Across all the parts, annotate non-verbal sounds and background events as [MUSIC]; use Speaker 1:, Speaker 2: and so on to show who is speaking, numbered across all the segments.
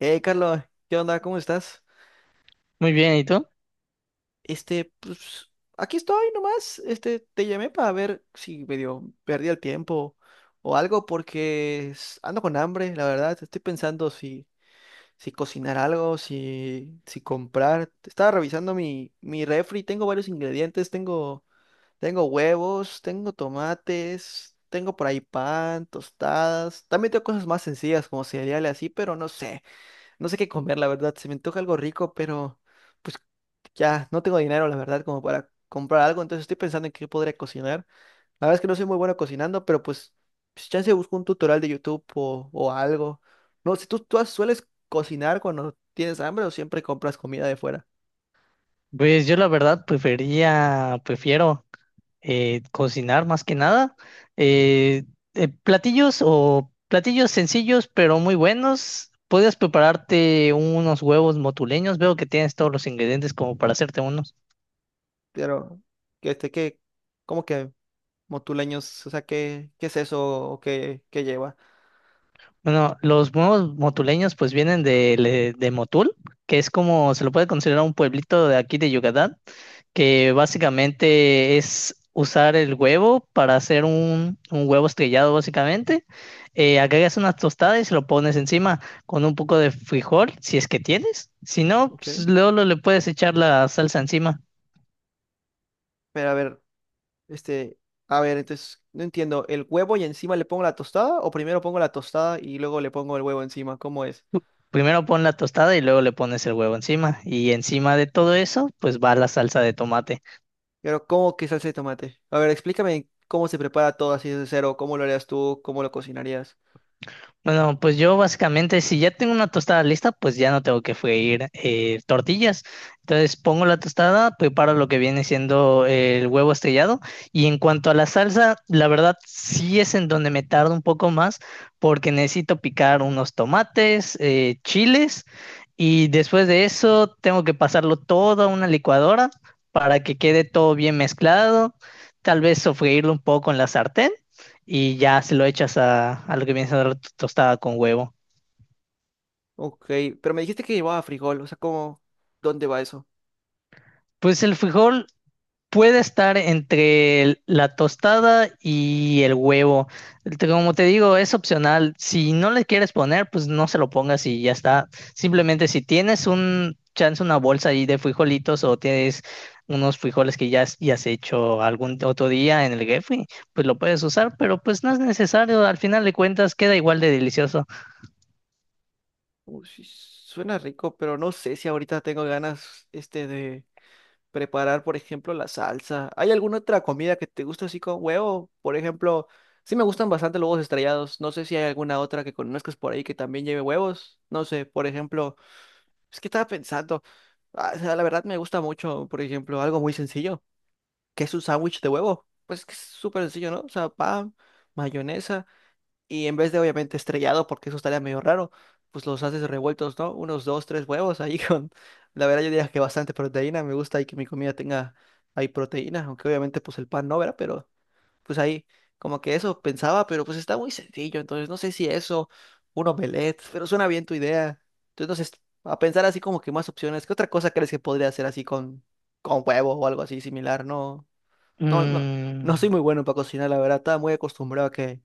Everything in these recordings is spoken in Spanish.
Speaker 1: Hey, Carlos, ¿qué onda? ¿Cómo estás?
Speaker 2: Muy bien, ¿y tú?
Speaker 1: Este, pues, aquí estoy nomás. Te llamé para ver si medio perdí el tiempo o algo porque ando con hambre, la verdad. Estoy pensando si cocinar algo, si comprar. Estaba revisando mi refri, tengo varios ingredientes, tengo huevos, tengo tomates, tengo por ahí pan, tostadas. También tengo cosas más sencillas como cereales así, pero no sé. No sé qué comer, la verdad. Se me antoja algo rico, pero pues ya no tengo dinero, la verdad, como para comprar algo. Entonces estoy pensando en qué podría cocinar. La verdad es que no soy muy bueno cocinando, pero pues chance busco un tutorial de YouTube o algo. No sé, tú sueles cocinar cuando tienes hambre o siempre compras comida de fuera?
Speaker 2: Pues yo la verdad prefiero cocinar más que nada. Eh, Platillos o platillos sencillos pero muy buenos. Puedes prepararte unos huevos motuleños. Veo que tienes todos los ingredientes como para hacerte unos.
Speaker 1: Pero, que este, que, cómo que motuleños, o sea, qué es eso o qué lleva?
Speaker 2: Bueno, los huevos motuleños pues vienen de, de Motul, que es como se lo puede considerar un pueblito de aquí de Yucatán, que básicamente es usar el huevo para hacer un huevo estrellado, básicamente. Agregas unas tostadas y se lo pones encima con un poco de frijol, si es que tienes. Si no,
Speaker 1: Ok.
Speaker 2: pues, luego le puedes echar la salsa encima.
Speaker 1: Pero a ver. Este, a ver, entonces, no entiendo, ¿el huevo y encima le pongo la tostada? ¿O primero pongo la tostada y luego le pongo el huevo encima? ¿Cómo es?
Speaker 2: Primero pon la tostada y luego le pones el huevo encima. Y encima de todo eso, pues va la salsa de tomate.
Speaker 1: Pero, ¿cómo que salsa de tomate? A ver, explícame cómo se prepara todo así de cero, cómo lo harías tú, cómo lo cocinarías.
Speaker 2: Bueno, pues yo básicamente, si ya tengo una tostada lista, pues ya no tengo que freír tortillas. Entonces pongo la tostada, preparo lo que viene siendo el huevo estrellado. Y en cuanto a la salsa, la verdad sí es en donde me tardo un poco más porque necesito picar unos tomates, chiles, y después de eso tengo que pasarlo todo a una licuadora para que quede todo bien mezclado. Tal vez sofreírlo un poco en la sartén y ya se lo echas a lo que viene siendo tostada con huevo.
Speaker 1: Ok, pero me dijiste que llevaba frijol, o sea, ¿cómo? ¿Dónde va eso?
Speaker 2: Pues el frijol puede estar entre la tostada y el huevo. Como te digo, es opcional. Si no le quieres poner, pues no se lo pongas y ya está. Simplemente si tienes un chance, una bolsa ahí de frijolitos o tienes unos frijoles que ya, ya has hecho algún otro día en el refri, pues lo puedes usar, pero pues no es necesario. Al final de cuentas, queda igual de delicioso.
Speaker 1: Uy, sí, suena rico, pero no sé si ahorita tengo ganas, de... preparar, por ejemplo, la salsa. ¿Hay alguna otra comida que te guste así con huevo? Por ejemplo, sí me gustan bastante los huevos estrellados. No sé si hay alguna otra que conozcas por ahí que también lleve huevos. No sé, por ejemplo, es que estaba pensando, ah, o sea, la verdad me gusta mucho, por ejemplo, algo muy sencillo, que es un sándwich de huevo. Pues es que es súper sencillo, ¿no? O sea, pan, mayonesa. Y en vez de obviamente estrellado, porque eso estaría medio raro, pues los haces revueltos, ¿no? Unos dos, tres huevos ahí [LAUGHS] con, la verdad yo diría que bastante proteína, me gusta ahí que mi comida tenga ahí proteína, aunque obviamente pues el pan no, ¿verdad? Pero pues ahí como que eso pensaba, pero pues está muy sencillo, entonces no sé si eso, un omelette, pero suena bien tu idea. Entonces, a pensar así como que más opciones, ¿qué otra cosa crees que podría hacer así con huevo o algo así similar, ¿no? No, no soy
Speaker 2: Mm,
Speaker 1: muy bueno para cocinar, la verdad. Estaba muy acostumbrado a que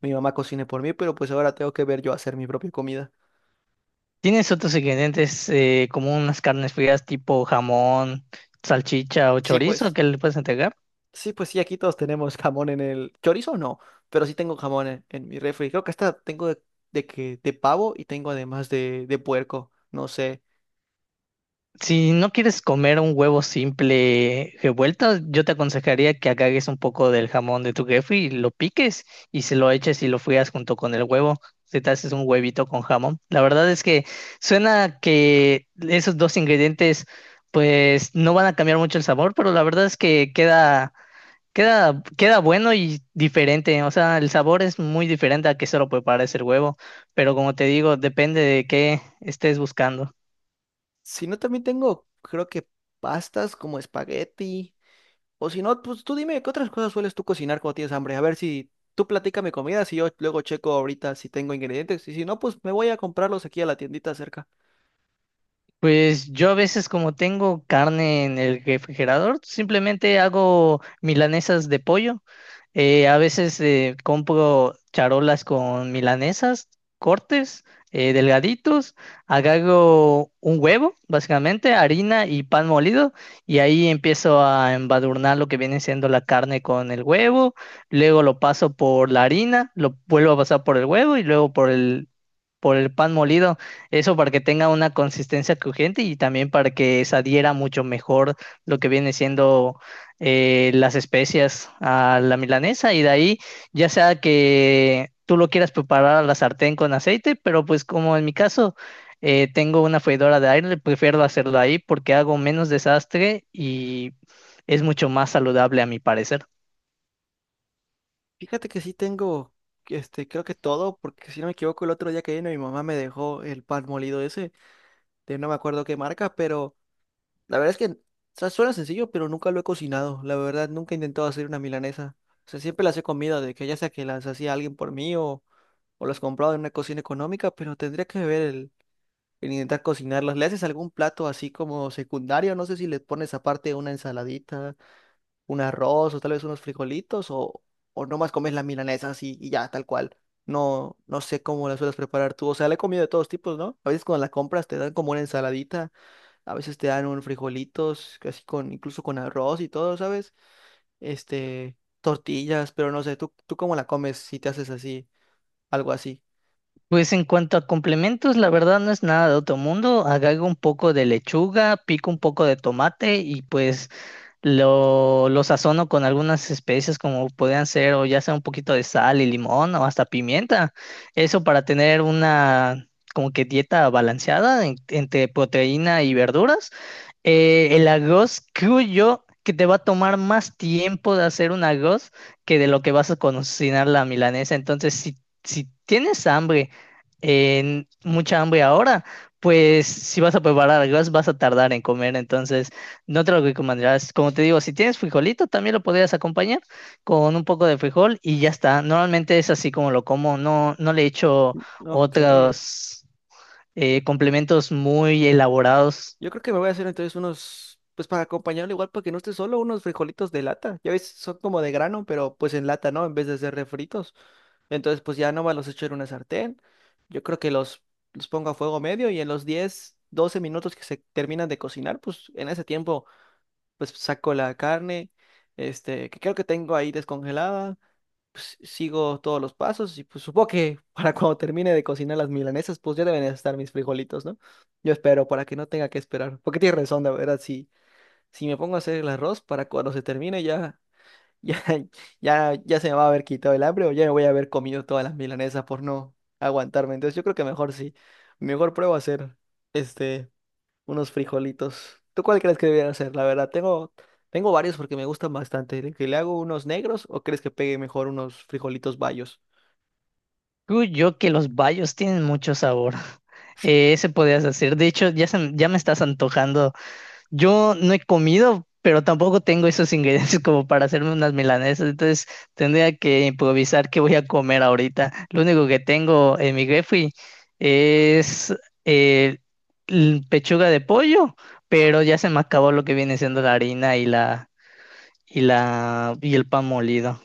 Speaker 1: mi mamá cocine por mí, pero pues ahora tengo que ver yo hacer mi propia comida.
Speaker 2: ¿Tienes otros ingredientes como unas carnes frías tipo jamón, salchicha o
Speaker 1: Sí,
Speaker 2: chorizo
Speaker 1: pues,
Speaker 2: que le puedes entregar?
Speaker 1: sí, pues sí, aquí todos tenemos jamón en el chorizo, no, pero sí tengo jamón en mi refri. Creo que hasta tengo de pavo y tengo además de puerco, no sé.
Speaker 2: Si no quieres comer un huevo simple revuelto, yo te aconsejaría que agarres un poco del jamón de tu jefe y lo piques y se lo eches y lo frías junto con el huevo. Si te haces un huevito con jamón. La verdad es que suena que esos dos ingredientes pues no van a cambiar mucho el sabor, pero la verdad es que queda. Queda bueno y diferente, o sea, el sabor es muy diferente a que solo prepares el huevo, pero como te digo, depende de qué estés buscando.
Speaker 1: Si no, también tengo, creo que pastas como espagueti. O si no, pues tú dime, ¿qué otras cosas sueles tú cocinar cuando tienes hambre? A ver si tú platícame comidas y yo luego checo ahorita si tengo ingredientes. Y si no, pues me voy a comprarlos aquí a la tiendita cerca.
Speaker 2: Pues yo a veces como tengo carne en el refrigerador, simplemente hago milanesas de pollo. A veces compro charolas con milanesas, cortes delgaditos, agarro un huevo, básicamente, harina y pan molido, y ahí empiezo a embadurnar lo que viene siendo la carne con el huevo, luego lo paso por la harina, lo vuelvo a pasar por el huevo y luego por el pan molido, eso para que tenga una consistencia crujiente y también para que se adhiera mucho mejor lo que viene siendo las especias a la milanesa, y de ahí ya sea que tú lo quieras preparar a la sartén con aceite, pero pues como en mi caso tengo una freidora de aire, prefiero hacerlo ahí porque hago menos desastre y es mucho más saludable a mi parecer.
Speaker 1: Fíjate que sí tengo, creo que todo, porque si no me equivoco, el otro día que vino mi mamá me dejó el pan molido ese, de no me acuerdo qué marca, pero la verdad es que, o sea, suena sencillo, pero nunca lo he cocinado. La verdad, nunca he intentado hacer una milanesa. O sea, siempre las he comido, de que ya sea que las hacía alguien por mí o las compraba en una cocina económica, pero tendría que ver el que intentas cocinarlos. ¿Le haces algún plato así como secundario? No sé si le pones aparte una ensaladita, un arroz o tal vez unos frijolitos o nomás comes las milanesas así y ya, tal cual. No, no sé cómo las sueles preparar tú. O sea, la he comido de todos tipos, ¿no? A veces cuando la compras te dan como una ensaladita, a veces te dan un frijolitos, así con, incluso con arroz y todo, ¿sabes? Tortillas, pero no sé, tú cómo la comes si te haces así, algo así?
Speaker 2: Pues en cuanto a complementos, la verdad no es nada de otro mundo. Agrego un poco de lechuga, pico un poco de tomate y pues lo sazono con algunas especias como podrían ser o ya sea un poquito de sal y limón o hasta pimienta. Eso para tener una como que dieta balanceada entre proteína y verduras. El arroz creo yo que te va a tomar más tiempo de hacer un arroz que de lo que vas a cocinar la milanesa. Entonces, si tienes hambre, en mucha hambre ahora, pues si vas a preparar arroz vas a tardar en comer. Entonces, no te lo recomendarás. Como te digo, si tienes frijolito, también lo podrías acompañar con un poco de frijol y ya está. Normalmente es así como lo como. No, no le echo
Speaker 1: Ok.
Speaker 2: otros complementos muy elaborados.
Speaker 1: Yo creo que me voy a hacer entonces unos, pues para acompañarlo igual, para que no esté solo, unos frijolitos de lata. Ya ves, son como de grano, pero pues en lata, ¿no? En vez de ser refritos. Entonces, pues ya nomás los echo en una sartén. Yo creo que los pongo a fuego medio y en los 10 o 12 minutos que se terminan de cocinar, pues en ese tiempo, pues saco la carne, que creo que tengo ahí descongelada pues, sigo todos los pasos y pues supongo que [LAUGHS] para cuando termine de cocinar las milanesas, pues ya deben estar mis frijolitos, ¿no? Yo espero para que no tenga que esperar, porque tienes razón, la verdad, si me pongo a hacer el arroz para cuando se termine ya, [LAUGHS] ya se me va a haber quitado el hambre o ya me voy a haber comido todas las milanesas por no aguantarme. Entonces yo creo que mejor sí, mejor pruebo a hacer este unos frijolitos. ¿Tú cuál crees que debería hacer? La verdad, tengo varios porque me gustan bastante. ¿Que le hago unos negros o crees que pegue mejor unos frijolitos bayos?
Speaker 2: Creo yo que los bayos tienen mucho sabor. [LAUGHS] Ese podrías hacer. De hecho, ya, ya me estás antojando. Yo no he comido, pero tampoco tengo esos ingredientes [LAUGHS] como para hacerme unas milanesas, entonces tendría que improvisar qué voy a comer ahorita. Lo único que tengo en mi refri es eh, pechuga de pollo, pero ya se me acabó lo que viene siendo la harina y la y el pan molido.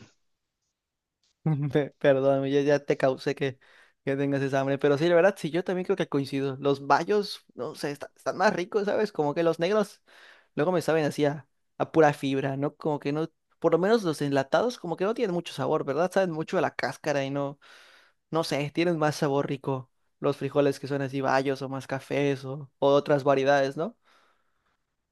Speaker 1: [LAUGHS] Perdóname, ya te causé que tengas esa hambre. Pero sí, la verdad, sí, yo también creo que coincido. Los bayos, no sé, están más ricos, ¿sabes? Como que los negros luego me saben a pura fibra, ¿no? Como que no, por lo menos los enlatados como que no tienen mucho sabor, ¿verdad? Saben mucho a la cáscara y no. No sé, tienen más sabor rico los frijoles que son así bayos o más cafés o otras variedades, ¿no?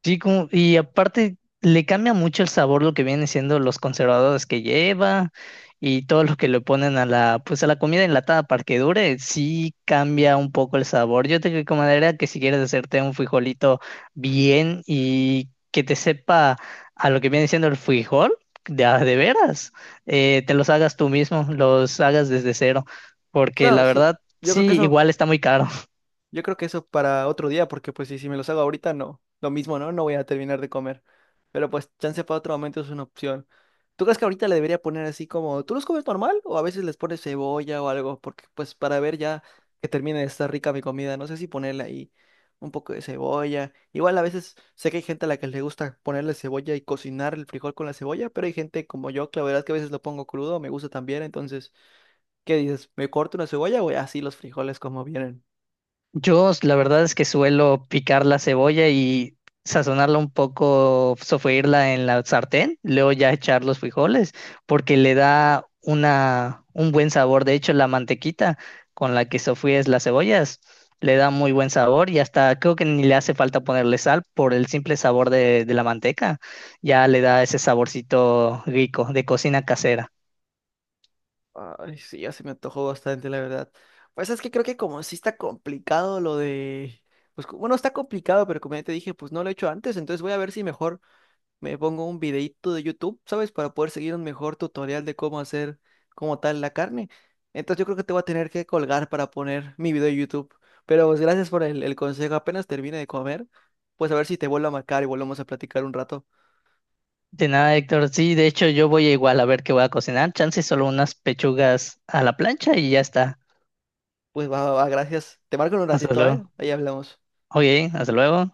Speaker 2: Sí, como, y aparte le cambia mucho el sabor lo que vienen siendo los conservadores que lleva y todo lo que le ponen a la, pues a la comida enlatada para que dure, sí cambia un poco el sabor. Yo te recomendaría que si quieres hacerte un frijolito bien y que te sepa a lo que viene siendo el frijol, de a de veras, te los hagas tú mismo, los hagas desde cero, porque
Speaker 1: Claro,
Speaker 2: la
Speaker 1: sí,
Speaker 2: verdad
Speaker 1: yo creo que
Speaker 2: sí,
Speaker 1: eso
Speaker 2: igual está muy caro.
Speaker 1: Yo creo que eso para otro día, porque pues si me los hago ahorita, no. Lo mismo, ¿no? No voy a terminar de comer. Pero pues chance para otro momento es una opción. ¿Tú crees que ahorita le debería poner así como, ¿tú los comes normal? O a veces les pones cebolla o algo, porque pues para ver ya que termine de estar rica mi comida, no sé si ponerle ahí un poco de cebolla. Igual a veces sé que hay gente a la que le gusta ponerle cebolla y cocinar el frijol con la cebolla, pero hay gente como yo que la verdad es que a veces lo pongo crudo, me gusta también, entonces, ¿qué dices? ¿Me corto una cebolla o así los frijoles como vienen?
Speaker 2: Yo la verdad es que suelo picar la cebolla y sazonarla un poco, sofreírla en la sartén, luego ya echar los frijoles, porque le da una, un buen sabor. De hecho, la mantequita con la que sofríes las cebollas le da muy buen sabor y hasta creo que ni le hace falta ponerle sal por el simple sabor de la manteca. Ya le da ese saborcito rico de cocina casera.
Speaker 1: Ay, sí, ya se me antojó bastante, la verdad. Pues es que creo que como sí está complicado lo de... Pues bueno, está complicado, pero como ya te dije, pues no lo he hecho antes, entonces voy a ver si mejor me pongo un videíto de YouTube, ¿sabes? Para poder seguir un mejor tutorial de cómo hacer como tal la carne. Entonces yo creo que te voy a tener que colgar para poner mi video de YouTube. Pero pues gracias por el consejo. Apenas termine de comer, pues a ver si te vuelvo a marcar y volvemos a platicar un rato.
Speaker 2: De nada, Héctor. Sí, de hecho yo voy igual a ver qué voy a cocinar. Chance solo unas pechugas a la plancha y ya está.
Speaker 1: Pues va, va, va, gracias. Te marco en un
Speaker 2: Hasta
Speaker 1: ratito, ¿eh?
Speaker 2: luego.
Speaker 1: Ahí hablamos.
Speaker 2: Oye, hasta luego.